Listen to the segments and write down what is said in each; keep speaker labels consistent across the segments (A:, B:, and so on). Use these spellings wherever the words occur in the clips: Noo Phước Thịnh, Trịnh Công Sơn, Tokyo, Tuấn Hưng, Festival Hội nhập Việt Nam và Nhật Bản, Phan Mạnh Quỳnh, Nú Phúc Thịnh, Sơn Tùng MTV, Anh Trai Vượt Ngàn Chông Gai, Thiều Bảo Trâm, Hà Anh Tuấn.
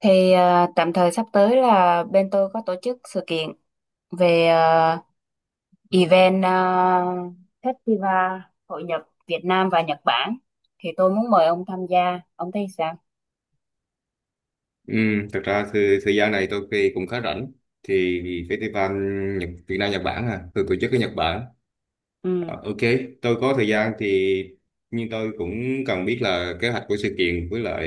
A: Thì tạm thời sắp tới là bên tôi có tổ chức sự kiện về event à, Festival Hội nhập Việt Nam và Nhật Bản. Thì tôi muốn mời ông tham gia. Ông thấy sao?
B: Ừ, thật ra thì thời gian này tôi cũng khá rảnh thì festival Nhật, Việt Nam Nhật Bản à từ tổ chức ở Nhật Bản. Ok, tôi có thời gian thì nhưng tôi cũng cần biết là kế hoạch của sự kiện với lại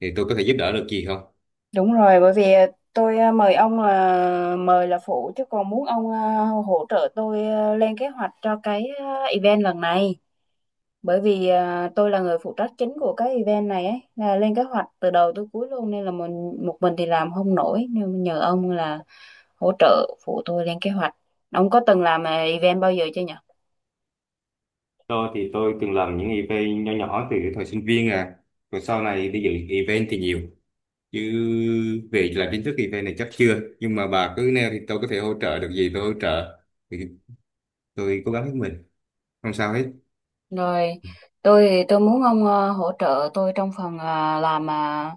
B: thì tôi có thể giúp đỡ được gì không.
A: Đúng rồi, bởi vì tôi mời ông là mời là phụ, chứ còn muốn ông hỗ trợ tôi lên kế hoạch cho cái event lần này. Bởi vì tôi là người phụ trách chính của cái event này ấy, là lên kế hoạch từ đầu tới cuối luôn, nên là mình một mình thì làm không nổi, nên nhờ ông là hỗ trợ phụ tôi lên kế hoạch. Ông có từng làm event bao giờ chưa nhỉ?
B: Tôi từng làm những event nhỏ nhỏ từ thời sinh viên, à rồi sau này đi dự event thì nhiều, chứ về làm chính thức event này chắc chưa, nhưng mà bà cứ nêu thì tôi có thể hỗ trợ được gì tôi hỗ trợ, thì tôi cố gắng hết mình, không sao hết.
A: Rồi, tôi thì tôi muốn ông hỗ trợ tôi trong phần làm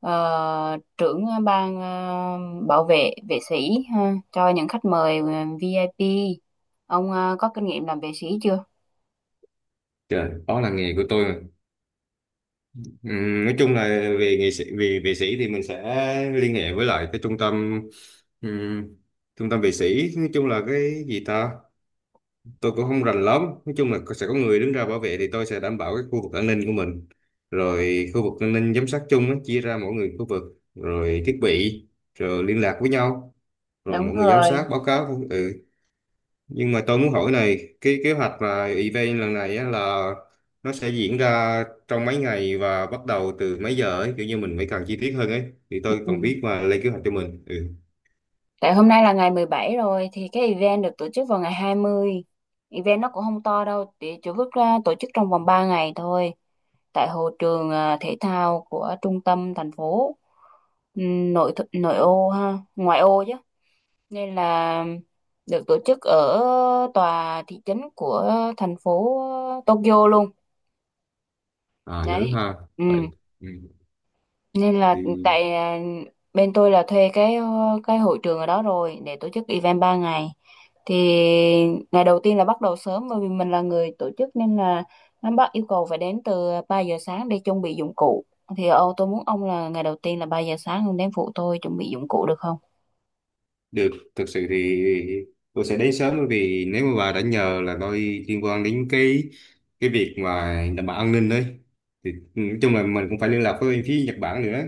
A: ờ, trưởng ban bảo vệ vệ sĩ ha, cho những khách mời VIP. Ông có kinh nghiệm làm vệ sĩ chưa?
B: Trời, đó là nghề của tôi mà. Nói chung là về nghệ sĩ, về vệ sĩ thì mình sẽ liên hệ với lại cái trung tâm, ừm, trung tâm vệ sĩ, nói chung là cái gì ta, tôi cũng không rành lắm. Nói chung là sẽ có người đứng ra bảo vệ, thì tôi sẽ đảm bảo cái khu vực an ninh của mình, rồi khu vực an ninh giám sát chung á, chia ra mỗi người khu vực, rồi thiết bị, rồi liên lạc với nhau, rồi
A: Đúng
B: mọi người giám
A: rồi.
B: sát báo cáo. Ừ, nhưng mà tôi muốn hỏi này, cái kế hoạch mà event lần này á, là nó sẽ diễn ra trong mấy ngày và bắt đầu từ mấy giờ ấy, kiểu như mình phải càng chi tiết hơn ấy, thì tôi còn
A: Ừ.
B: biết mà lên kế hoạch cho mình. Ừ.
A: Tại hôm nay là ngày 17 rồi, thì cái event được tổ chức vào ngày 20. Event nó cũng không to đâu, chỉ vứt ra tổ chức trong vòng 3 ngày thôi. Tại hồ trường thể thao của trung tâm thành phố. Nội ô ha, ngoại ô chứ. Nên là được tổ chức ở tòa thị trấn của thành phố Tokyo luôn.
B: À
A: Đấy.
B: lớn ha.
A: Ừ.
B: Vậy. Ừ.
A: Nên là
B: Thì
A: tại bên tôi là thuê cái cái hội trường ở đó rồi để tổ chức event 3 ngày. Thì ngày đầu tiên là bắt đầu sớm, bởi vì mình là người tổ chức nên là nó bắt yêu cầu phải đến từ 3 giờ sáng để chuẩn bị dụng cụ. Thì tôi muốn ông là ngày đầu tiên là 3 giờ sáng ông đến phụ tôi chuẩn bị dụng cụ được không?
B: được, thực sự thì tôi sẽ đến sớm, bởi vì nếu mà bà đã nhờ là tôi liên quan đến cái việc mà đảm bảo an ninh đấy, thì nói chung là mình cũng phải liên lạc với bên phía Nhật Bản nữa,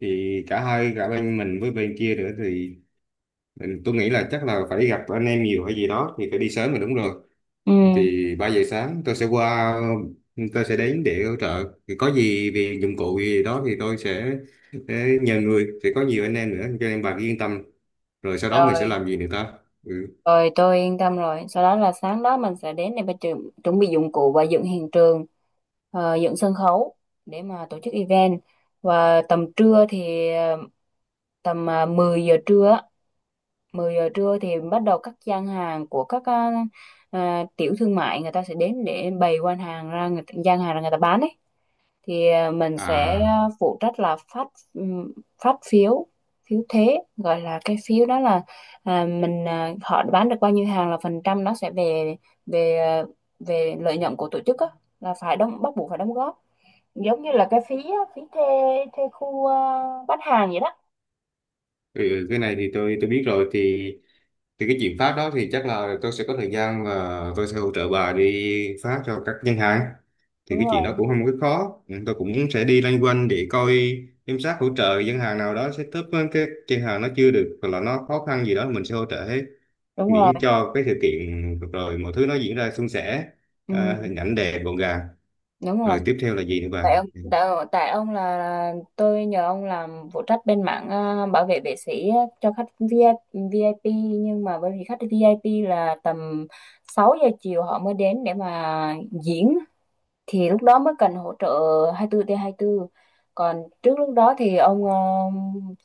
B: thì cả bên mình với bên kia nữa thì ừ, tôi nghĩ là chắc là phải gặp anh em nhiều hay gì đó, thì phải đi sớm rồi, đúng rồi.
A: Ừ.
B: Thì 3 giờ sáng tôi sẽ qua, tôi sẽ đến để hỗ trợ, thì có gì về dụng cụ gì đó thì sẽ nhờ người, sẽ có nhiều anh em nữa cho nên bà cứ yên tâm, rồi sau đó mình sẽ
A: Rồi.
B: làm gì nữa ta. Ừ.
A: Rồi tôi yên tâm rồi. Sau đó là sáng đó mình sẽ đến để mà chuẩn bị dụng cụ và dựng hiện trường, dựng sân khấu để mà tổ chức event. Và tầm trưa thì 10 giờ trưa, á, 10 giờ trưa thì bắt đầu các gian hàng của các tiểu thương, mại người ta sẽ đến để bày quan hàng ra người ta gian hàng ra người ta bán ấy. Thì mình sẽ
B: À.
A: phụ trách là phát ừm, phát phiếu phiếu thế, gọi là cái phiếu đó là họ bán được bao nhiêu hàng là phần trăm nó sẽ về về ờ, về lợi nhuận của tổ chức á, là phải đóng, bắt buộc phải đóng góp giống như là cái phí á, phí thuê thuê khu bán hàng vậy đó.
B: Ừ, cái này thì tôi biết rồi, thì cái chuyện phát đó thì chắc là tôi sẽ có thời gian và tôi sẽ hỗ trợ bà đi phát cho các ngân hàng, thì
A: Đúng
B: cái chuyện đó
A: rồi.
B: cũng không có khó. Ừ, tôi cũng sẽ đi loanh quanh để coi, giám sát, hỗ trợ ngân hàng nào đó setup, cái ngân hàng nó chưa được hoặc là nó khó khăn gì đó mình sẽ hỗ trợ hết,
A: Đúng rồi.
B: miễn cho cái sự kiện rồi mọi thứ nó diễn ra suôn sẻ, à,
A: Ừ,
B: hình ảnh đẹp gọn gàng.
A: đúng
B: Rồi
A: rồi.
B: tiếp theo là gì nữa bà?
A: Tại ông, tại ông là tôi nhờ ông làm phụ trách bên mảng bảo vệ vệ sĩ á, cho khách VIP, VIP. Nhưng mà bởi vì khách VIP là tầm 6 giờ chiều họ mới đến để mà diễn, thì lúc đó mới cần hỗ trợ 24 trên 24. Còn trước lúc đó thì ông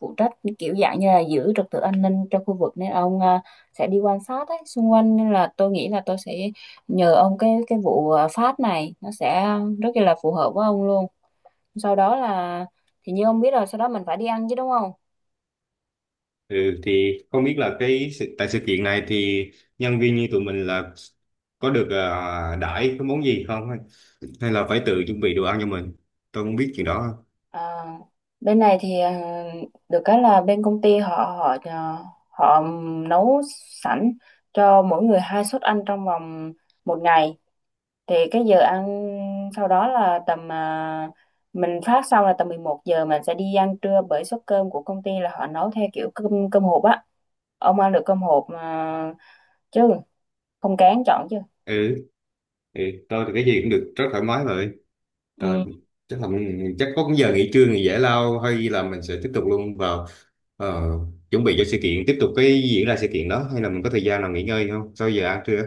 A: phụ trách kiểu dạng như là giữ trật tự an ninh cho khu vực, nên ông sẽ đi quan sát ấy, xung quanh. Nên là tôi nghĩ là tôi sẽ nhờ ông cái vụ phát này, nó sẽ rất là phù hợp với ông luôn. Sau đó là, thì như ông biết rồi, sau đó mình phải đi ăn chứ đúng không?
B: Ừ, thì không biết là tại sự kiện này thì nhân viên như tụi mình là có được đãi cái món gì không, hay, hay là phải tự chuẩn bị đồ ăn cho mình, tôi không biết chuyện đó.
A: à, Bên này thì được cái là bên công ty họ họ à, họ nấu sẵn cho mỗi người 2 suất ăn trong vòng 1 ngày. Thì cái giờ ăn sau đó là tầm mình phát xong là tầm 11 giờ mình sẽ đi ăn trưa, bởi suất cơm của công ty là họ nấu theo kiểu cơm cơm hộp á. Ông ăn được cơm hộp mà, chứ không kén chọn chứ?
B: Ừ. Ừ, tôi thì cái gì cũng được, rất thoải mái rồi. Rồi
A: Ừ.
B: chắc là chắc có cái giờ nghỉ trưa, nghỉ giải lao, hay là mình sẽ tiếp tục luôn vào ờ, chuẩn bị cho sự kiện, tiếp tục cái diễn ra sự kiện đó, hay là mình có thời gian nào nghỉ ngơi không sau giờ ăn trưa?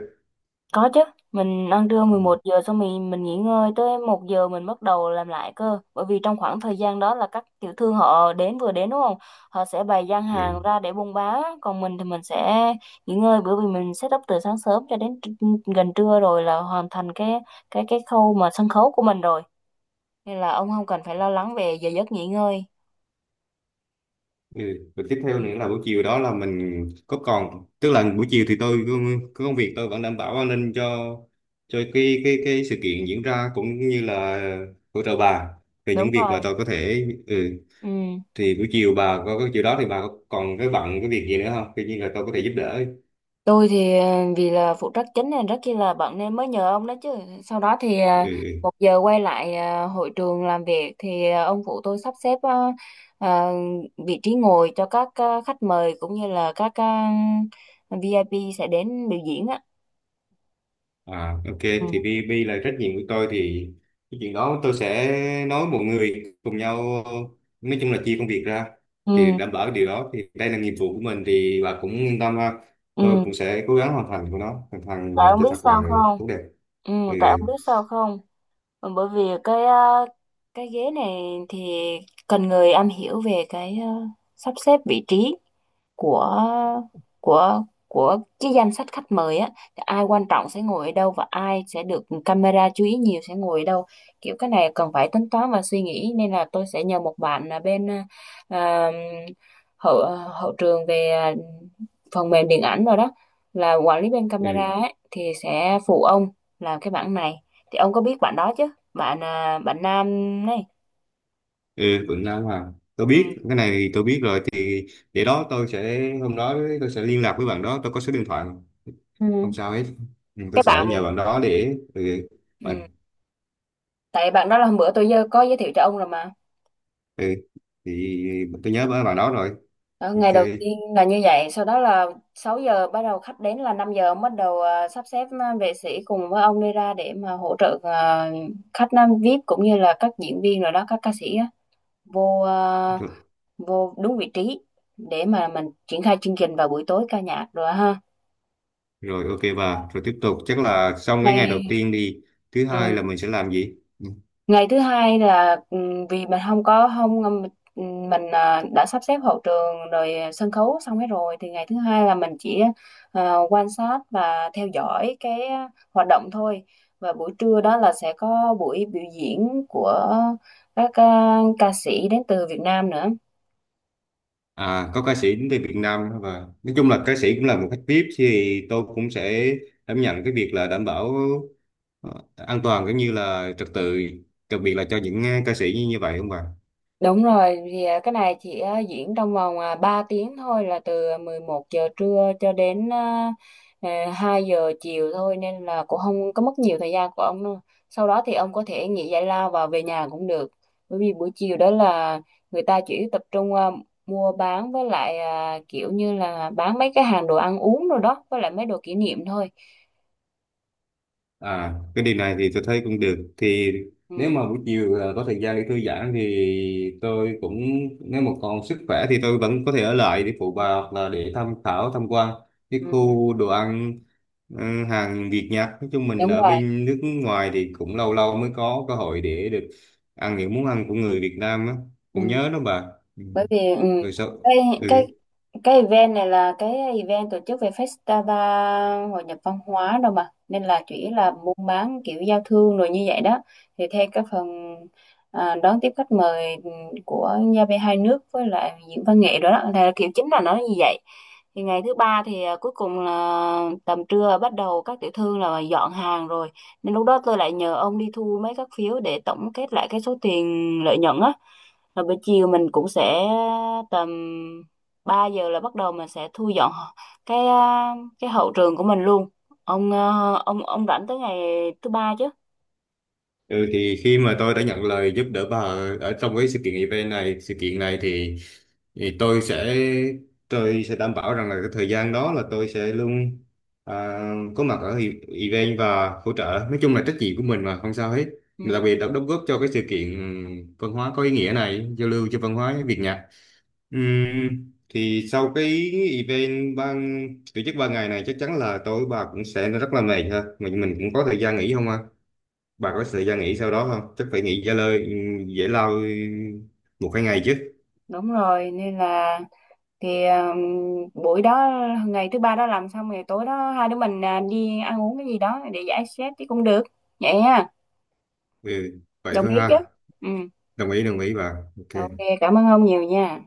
A: Có chứ, mình ăn trưa
B: Ừ.
A: 11 giờ xong mình nghỉ ngơi tới 1 giờ mình bắt đầu làm lại cơ. Bởi vì trong khoảng thời gian đó là các tiểu thương họ đến, vừa đến đúng không? Họ sẽ bày gian hàng
B: Ừ.
A: ra để buôn bán, còn mình thì mình sẽ nghỉ ngơi, bởi vì mình set up từ sáng sớm cho đến gần trưa rồi là hoàn thành cái cái khâu mà sân khấu của mình rồi. Nên là ông không cần phải lo lắng về giờ giấc nghỉ ngơi.
B: Ừ. Và tiếp theo
A: Ừ,
B: nữa là buổi chiều đó là mình có còn, tức là buổi chiều thì tôi có công việc, tôi vẫn đảm bảo an ninh cho cái cái sự kiện diễn ra, cũng như là hỗ trợ bà về
A: đúng
B: những việc mà
A: rồi.
B: tôi có thể. Ừ.
A: Ừ.
B: Thì buổi chiều bà có cái chiều đó thì bà có còn cái bận cái việc gì nữa không? Tuy nhiên là tôi có thể giúp đỡ.
A: Tôi thì vì là phụ trách chính nên rất chi là bận, nên mới nhờ ông đó chứ. Sau đó thì
B: Ừ.
A: 1 giờ quay lại hội trường làm việc, thì ông phụ tôi sắp xếp ờ, vị trí ngồi cho các khách mời cũng như là các ờ, VIP sẽ đến biểu diễn á.
B: À, ok,
A: Ừ.
B: thì vì vì là trách nhiệm của tôi thì cái chuyện đó tôi sẽ nói mọi người cùng nhau, nói chung là chia công việc ra, thì
A: Ừ.
B: đảm bảo điều đó, thì đây là nhiệm vụ của mình, thì bà cũng yên tâm ha. Tôi
A: Ừ.
B: cũng sẽ cố gắng hoàn thành của nó, hoàn
A: Tại
B: thành
A: ông
B: cho
A: biết
B: thật
A: sao
B: là
A: không?
B: tốt đẹp.
A: Ừ.
B: Ừ.
A: Tại ông biết sao không? Ờ, bởi vì cái cái ghế này thì cần người am hiểu về cái sắp xếp vị trí của của cái danh sách khách mời á, thì ai quan trọng sẽ ngồi ở đâu, và ai sẽ được camera chú ý nhiều sẽ ngồi ở đâu. Kiểu cái này cần phải tính toán và suy nghĩ, nên là tôi sẽ nhờ một bạn là bên à, hậu hậu trường về phần mềm điện ảnh rồi đó, là quản lý bên camera
B: Ừ.
A: ấy, thì sẽ phụ ông làm cái bản này. Thì ông có biết bạn đó chứ, bạn nam này?
B: Ừ, vẫn làm hoàn, tôi
A: Ừ.
B: biết cái này, thì tôi biết rồi, thì để đó tôi sẽ, hôm đó tôi sẽ liên lạc với bạn đó, tôi có số điện thoại,
A: Ừ.
B: không sao hết. Ừ, tôi
A: Cái
B: sẽ
A: bạn.
B: nhờ bạn đó để ừ,
A: Ừ. Tại bạn đó là hôm bữa tôi có giới thiệu cho ông rồi mà.
B: ừ thì tôi nhớ bà đó rồi.
A: Đó, ngày
B: Ok.
A: đầu tiên là như vậy. Sau đó là 6 giờ bắt đầu khách đến, là 5 giờ ông bắt đầu sắp xếp vệ sĩ cùng với ông đi ra để mà hỗ trợ khách nam VIP cũng như là các diễn viên rồi đó, các ca sĩ á, vô à,
B: Rồi,
A: vô đúng vị trí để mà mình triển khai chương trình vào buổi tối ca nhạc rồi ha.
B: rồi ok bà, rồi tiếp tục chắc là xong cái ngày đầu
A: ngày
B: tiên đi, thứ hai
A: ừ.
B: là mình sẽ làm gì?
A: ngày thứ hai là vì mình không có, không mình đã sắp xếp hậu trường rồi, sân khấu xong hết rồi, thì ngày thứ hai là mình chỉ quan sát và theo dõi cái hoạt động thôi. Và buổi trưa đó là sẽ có buổi biểu diễn của các ca sĩ đến từ Việt Nam nữa.
B: À có ca sĩ đến từ Việt Nam đó, và nói chung là ca sĩ cũng là một khách VIP, thì tôi cũng sẽ đảm nhận cái việc là đảm bảo ờ, an toàn cũng như là trật tự, đặc biệt là cho những ca sĩ như như vậy không bà?
A: Đúng rồi, thì cái này chỉ diễn trong vòng 3 tiếng thôi, là từ 11 giờ trưa cho đến 2 giờ chiều thôi, nên là cũng không có mất nhiều thời gian của ông đâu. Sau đó thì ông có thể nghỉ giải lao và về nhà cũng được. Bởi vì buổi chiều đó là người ta chỉ tập trung mua bán, với lại kiểu như là bán mấy cái hàng đồ ăn uống rồi đó, với lại mấy đồ kỷ niệm thôi.
B: À, cái điều này thì tôi thấy cũng được. Thì nếu
A: Ừ.
B: mà buổi chiều à, có thời gian để thư giãn thì tôi cũng, nếu mà còn sức khỏe thì tôi vẫn có thể ở lại để phụ
A: Ừ.
B: bà, hoặc là để tham khảo, tham quan cái
A: Ừ, ừ.
B: khu đồ ăn, ừ, hàng Việt Nhật. Nói chung mình
A: Đúng
B: ở
A: rồi.
B: bên nước ngoài thì cũng lâu lâu mới có cơ hội để được ăn những món ăn của người Việt Nam á. Cũng
A: Ừ.
B: nhớ đó bà. Ừ.
A: Bởi vì
B: Rồi sao?
A: cái cái
B: Ừ.
A: cái event này là cái event tổ chức về festival hội nhập văn hóa đâu mà, nên là chỉ là buôn bán kiểu giao thương rồi như vậy đó. Thì theo cái phần đón tiếp khách mời ừ, của nhà bè hai nước với lại diễn văn nghệ đó, đó là kiểu chính là nó như vậy. Thì ngày thứ ba thì cuối cùng là tầm trưa bắt đầu các tiểu thương là dọn hàng rồi, nên lúc đó tôi lại nhờ ông đi thu mấy các phiếu để tổng kết lại cái số tiền lợi nhuận á. Rồi buổi chiều mình cũng sẽ tầm 3 giờ là bắt đầu mình sẽ thu dọn cái cái hậu trường của mình luôn. Ông ông rảnh tới ngày thứ ba chứ?
B: Ừ thì khi mà tôi đã nhận lời giúp đỡ bà ở trong cái sự kiện event này, sự kiện này thì tôi sẽ, tôi sẽ đảm bảo rằng là cái thời gian đó là tôi sẽ luôn à, có mặt ở event và hỗ trợ. Nói chung là trách nhiệm của mình mà, không sao hết.
A: Ừ.
B: Đặc biệt đã đóng góp cho cái sự kiện văn hóa có ý nghĩa này, giao lưu cho văn hóa Việt Nhật. Thì sau cái event ban tổ chức 3 ngày này chắc chắn là tối bà cũng sẽ rất là mệt ha. Mình cũng có thời gian nghỉ không, bà có thời gian
A: Ừ.
B: nghỉ sau đó không, chắc phải nghỉ giải lao 1 2 ngày chứ?
A: Đúng rồi, nên là thì buổi đó ngày thứ ba đó làm xong, ngày tối đó hai đứa mình đi ăn uống cái gì đó để giải stress thì cũng được. Vậy ha,
B: Ừ, vậy
A: đồng
B: thôi
A: ý chứ?
B: ha.
A: Ừ.
B: Đồng ý, đồng ý bà.
A: Ok,
B: Ok.
A: cảm ơn ông nhiều nha.